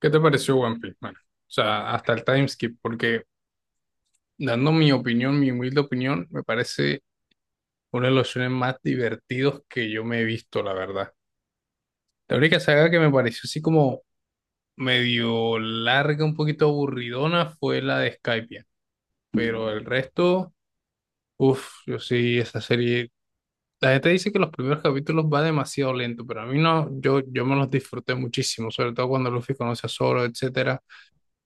¿Qué te pareció One Piece? Bueno, o sea, hasta el timeskip, porque dando mi opinión, mi humilde opinión, me parece uno de los shonen más divertidos que yo me he visto, la verdad. La única saga que me pareció así como medio larga, un poquito aburridona, fue la de Skypiea. Pero el resto, uff, yo sí, esa serie. La gente dice que los primeros capítulos va demasiado lento, pero a mí no, yo me los disfruté muchísimo, sobre todo cuando Luffy conoce a Zoro, etcétera.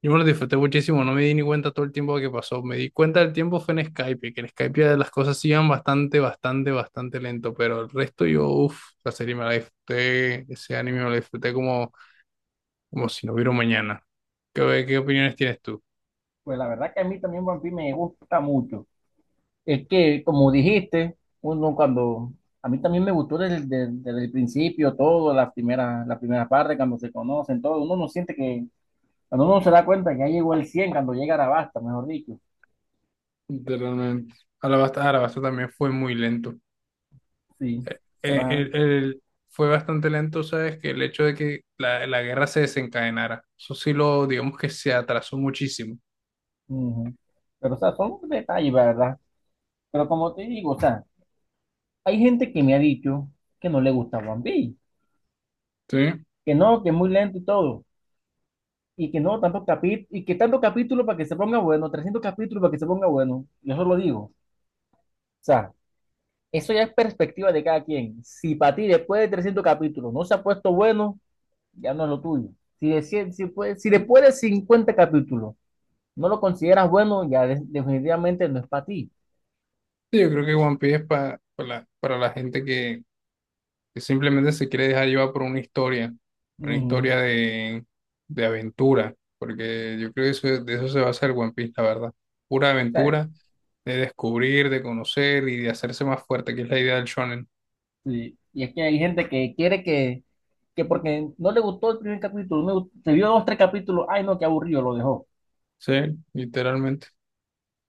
Yo me lo disfruté muchísimo, no me di ni cuenta todo el tiempo que pasó. Me di cuenta del tiempo fue en Skype, que en Skype las cosas iban bastante, bastante, bastante lento, pero el resto yo, uff, la serie me la disfruté, ese anime me lo disfruté como, como si no hubiera un mañana. ¿Qué opiniones tienes tú? Pues la verdad que a mí también One Piece me gusta mucho. Es que, como dijiste, uno cuando... A mí también me gustó desde el principio todo, las primeras partes, cuando se conocen, todo. Uno no siente que... Cuando uno se da cuenta que ya llegó el 100 cuando llega Arabasta, mejor dicho. Literalmente. Alabasta, Alabasta también fue muy lento. Sí, pero... Eh, el- el- Fue bastante lento, ¿sabes? Que el hecho de que la guerra se desencadenara, eso sí lo, digamos que se atrasó muchísimo. ujú. Pero, o sea, son detalles, la ¿verdad? Pero como te digo, o sea, hay gente que me ha dicho que no le gusta One Piece, ¿Sí? que no, que es muy lento y todo. Y que no tanto capi- y que tanto capítulo para que se ponga bueno, 300 capítulos para que se ponga bueno. Yo solo digo. O sea, eso ya es perspectiva de cada quien. Si para ti después de 300 capítulos no se ha puesto bueno, ya no es lo tuyo. Si, de 100 si, puede- Si después de 50 capítulos no lo consideras bueno, ya definitivamente no es para ti. Sí, yo creo que One Piece es pa- pa la- para la gente que simplemente se quiere dejar llevar por una Ujú. historia de aventura, porque yo creo que eso, de eso se va a hacer One Piece, la verdad. Pura ¿Sabes? aventura de descubrir, de conocer y de hacerse más fuerte, que es la idea del shonen. Sí, y es que hay gente que que porque no le gustó el primer capítulo, no, se vio dos, tres capítulos, ay no, qué aburrido, lo dejó. O Sí, literalmente.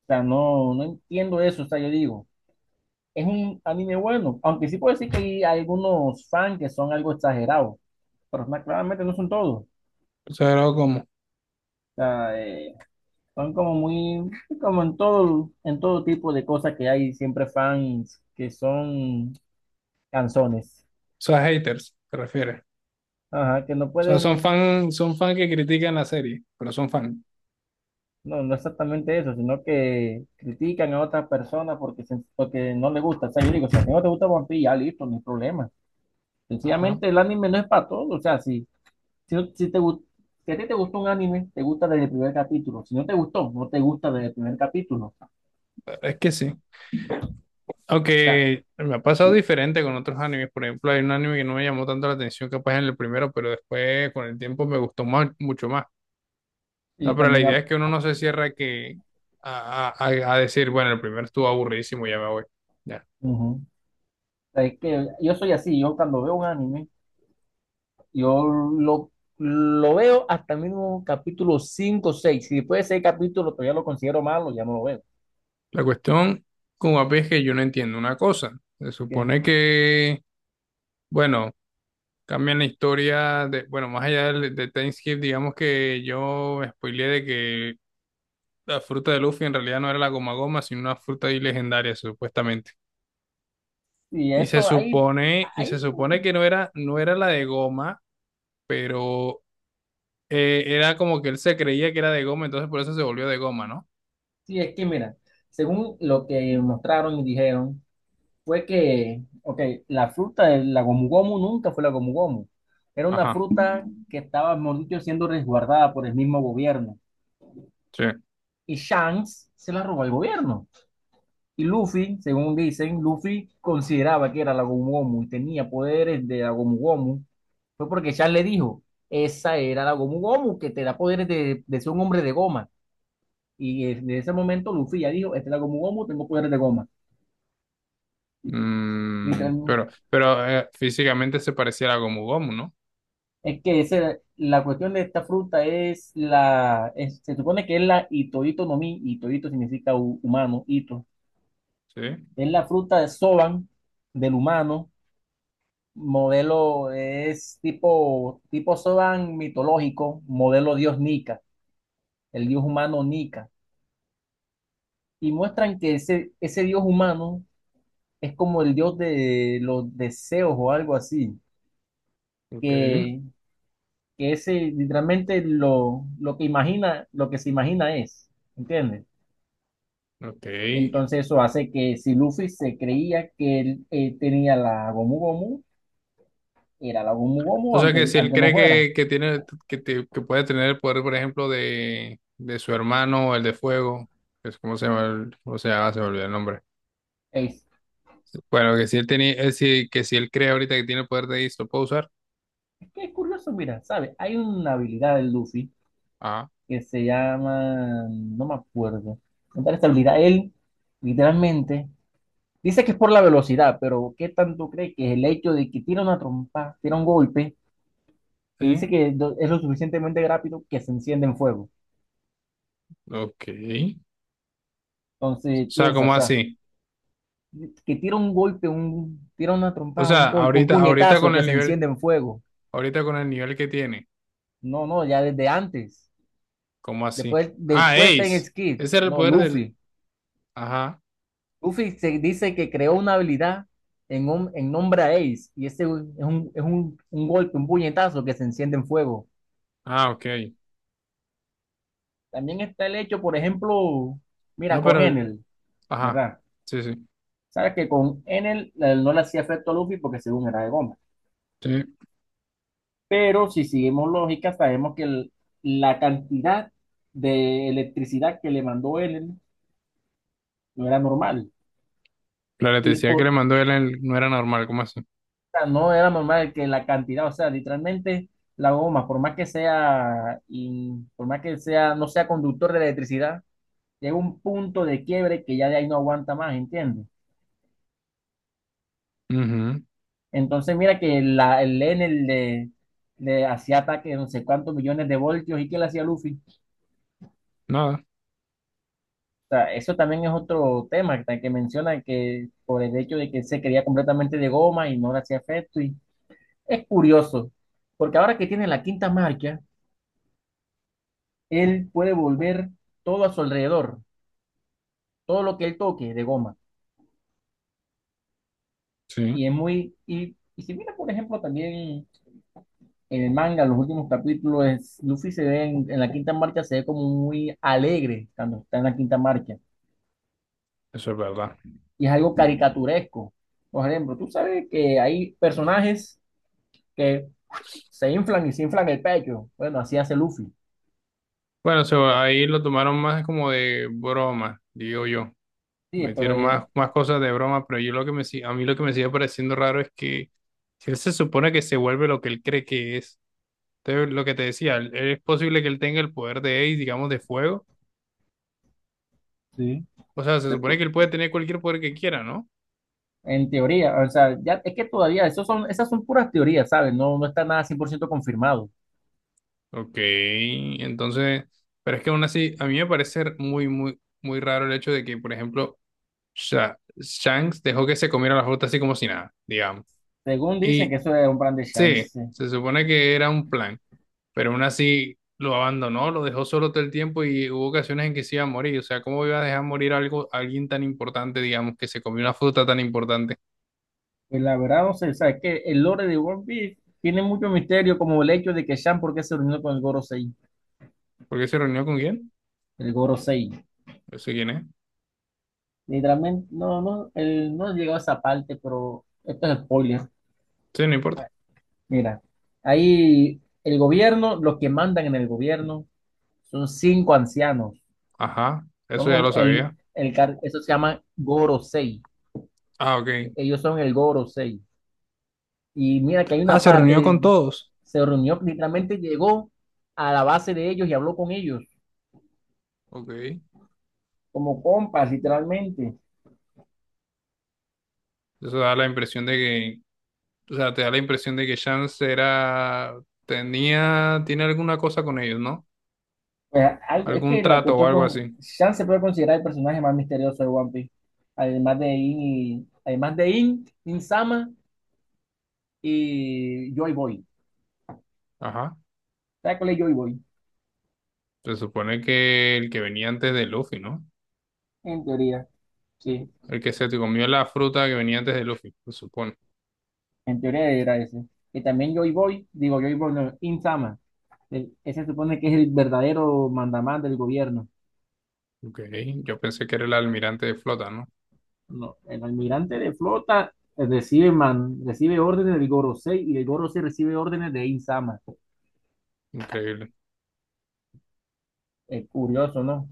sea, no, no entiendo eso, o sea, yo digo, es un anime bueno, aunque sí puedo decir que hay algunos fans que son algo exagerados, pero claramente no son todos. O O sea, algo como, o sea, son como muy, como en todo tipo de cosas que hay siempre fans que son canzones, sea, haters, te refieres. ajá, que no O sea, pueden, son fan que critican la serie, pero son fan. no, no exactamente eso, sino que critican a otras personas porque, porque no les gusta. O sea, yo digo, si a ti no te gusta One Piece, ya listo, no hay problema. Ajá. Sencillamente el anime no es para todos, o sea, sí. Si, no- si te, gu- si a ti te gustó un anime, te gusta desde el primer capítulo. Si no te gustó, no te gusta desde el primer capítulo. O Es que sí. sea, Aunque me ha pasado y, diferente con otros animes. Por ejemplo, hay un anime que no me llamó tanto la atención, capaz en el primero, pero después con el tiempo me gustó más, mucho más. O sea, y pero la también, idea es que uno no se cierra que a decir, bueno, el primero estuvo aburridísimo, ya me voy. Ya. ujú. O sea, es que yo soy así, yo cuando veo un anime, yo lo veo hasta el mismo capítulo 5 o 6. Si después de 6 capítulos todavía lo considero malo, ya no lo veo. La cuestión con One Piece es que yo no entiendo una cosa. Se Que- supone que, bueno, cambian la historia de, bueno, más allá del- de, Time Skip, digamos que yo me spoileé de que la fruta de Luffy en realidad no era la goma goma, sino una fruta ahí legendaria, supuestamente. Y Y se eso ahí, supone, y se ahí, supone que no era, no era la de goma, pero era como que él se creía que era de goma, entonces por eso se volvió de goma, ¿no? sí, es que mira, según lo que mostraron y dijeron, fue que, ok, la fruta, de la gomu gomu nunca fue la gomu gomu. Era una Ajá, fruta que estaba, mejor dicho, siendo resguardada por el mismo gobierno. sí. Y Shanks se la robó al gobierno. Y Luffy, según dicen, Luffy consideraba que era la gomu gomu y tenía poderes de la gomu gomu. Fue porque Shanks le dijo, esa era la gomu gomu que te da poderes de ser un hombre de goma. Y desde ese momento Luffy ya dijo, esta es la gomu gomu, tengo poderes de goma. Mm, Literal, pero físicamente se parecía a la Gomu Gomu, ¿no? es que ese, la cuestión de esta fruta es se supone que es la Itoito no Mi, Itoito significa humano, Ito. Sí. Es la fruta de Soban del humano, modelo es tipo Soban mitológico, modelo dios Nika, el dios humano Nika. Y muestran que ese dios humano es como el dios de los deseos o algo así, Ok, que, que ese literalmente lo que imagina, lo que se imagina es, ¿entiendes? ok. Entonces eso hace que si Luffy se creía que él tenía la Gomu Gomu, era la Gomu O Gomu sea que si él aunque no cree fuera. Que tiene, que, te- que puede tener el poder, por ejemplo, de su hermano, el de fuego, que es como se llama, el- cómo se llama, se me olvidó el nombre. Es, Bueno, que si él tenía, si- que si él cree ahorita que tiene el poder de Isto, ¿puede usar? es que es curioso, mira, ¿sabes? Hay una habilidad del Luffy Ah, que se llama, no me acuerdo, contar esta habilidad. Él literalmente dice que es por la velocidad, pero ¿qué tanto cree que es el hecho de que tira una trompa, tira un golpe, que sí. dice que es lo suficientemente rápido que se enciende en fuego? Ok. O Entonces sea, piensa, o ¿cómo sea, así? que tira un golpe, tira una O trompada, un sea, golpe, un ahorita, ahorita puñetazo con que el se nivel, enciende en fuego. ahorita con el nivel que tiene, No, no, ya desde antes. ¿cómo así? Después, Ah, después está en Ace. Skid. Ese era el No, poder del. Luffy. Ajá. Luffy se dice que creó una habilidad en nombre a Ace. Y ese es un golpe, un puñetazo que se enciende en fuego. Ah, ok. También está el hecho, por ejemplo, No, mira, con pero el- Enel, ajá. ¿verdad? Sí, sí. Sabes que con Enel no le hacía efecto a Luffy porque según era de goma. Sí. Pero si seguimos lógica, sabemos que la cantidad de electricidad que le mandó Ellen no era normal. La Y electricidad por, que le o mandó él en- no era normal, ¿cómo así? sea, no era normal que la cantidad, o sea, literalmente la goma, por más que sea, no sea conductor de electricidad, llega un punto de quiebre que ya de ahí no aguanta más, ¿entiendes? Ujú. Entonces, mira que el Enel le, hacía ataque de no sé cuántos millones de voltios y que le hacía Luffy. Nada. Sea, eso también es otro tema que menciona que por el hecho de que se quería completamente de goma y no le hacía efecto. Y es curioso, porque ahora que tiene la quinta marca, él puede volver todo a su alrededor, todo lo que él toque de goma. Sí, Y es muy. Y si mira, por ejemplo, también en el manga, los últimos capítulos, Luffy se ve en la quinta marca, se ve como muy alegre cuando está en la quinta marca. eso es verdad. Y es algo caricaturesco. Por ejemplo, tú sabes que hay personajes que se inflan y se inflan el pecho. Bueno, así hace Luffy. Bueno, eso ahí lo tomaron más como de broma, digo yo. Sí, pero Metieron más, más cosas de broma, pero yo lo que me, si- a mí lo que me sigue pareciendo raro es que si él se supone que se vuelve lo que él cree que es, entonces lo que te decía, él- es posible que él tenga el poder de Ace, digamos, de fuego, o sea, se supone que él puede tener cualquier poder que quiera, ¿no? en teoría, o sea, ya es que todavía, esos son, esas son puras teorías, ¿sabes? No, no está nada 100% confirmado. Ok, entonces, pero es que aún así, a mí me parece muy, muy, muy raro el hecho de que, por ejemplo, Sha- Shanks dejó que se comiera la fruta así como si nada, digamos. Según dicen Y que eso es un plan de chance. sí, Sí. se supone que era un plan. Pero aún así lo abandonó, lo dejó solo todo el tiempo y hubo ocasiones en que se iba a morir. O sea, ¿cómo iba a dejar morir algo, a alguien tan importante, digamos, que se comió una fruta tan importante? Pues la verdad, no sé, o sea, es que el lore de One Piece tiene mucho misterio, como el hecho de que Shan, ¿por qué se reunió con el Gorosei? ¿Por qué se reunió con quién? El Gorosei. No sé quién es. Literalmente, no, no, él no he llegado a esa parte, pero esto es spoiler. Sí, no importa. Mira, ahí el gobierno, los que mandan en el gobierno, son cinco ancianos. Ajá, eso Son ya lo sabía. Eso se llama Gorosei. Ah, ok. Ellos son el Gorosei. Y mira que hay Ah, una se parte, reunió con todos. se reunió, literalmente llegó a la base de ellos y habló con ellos, Ok. como compas, literalmente. Eso da la impresión de que, o sea, te da la impresión de que Chance era, tenía, tiene alguna cosa con ellos, ¿no? Pues, algo, es Algún que la trato o cuestión, algo así. Shan se puede considerar el personaje más misterioso de One Piece, además de In, además de In, In-sama y Joy Boy. Ajá. ¿Sabes cuál es Joy Boy? Se supone que el que venía antes de Luffy, ¿no? En teoría, sí. El que se te comió la fruta que venía antes de Luffy, se supone. En teoría era ese. Y también Joy Boy, digo Joy Boy, no, Insama. Ese se supone que es el verdadero mandamás del gobierno. Ok, yo pensé que era el almirante de flota, ¿no? No, el almirante de flota recibe, recibe órdenes del Gorosei y el Gorosei recibe órdenes de Insama. Increíble. Es curioso, ¿no?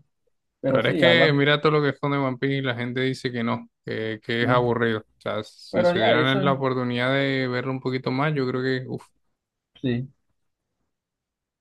La Pero verdad es sí, que hablan. mira todo lo que esconde One Piece y la gente dice que no, que es Sí. aburrido. O sea, si Pero se ya, dieran la eso, oportunidad de verlo un poquito más, yo creo que, uff, sí.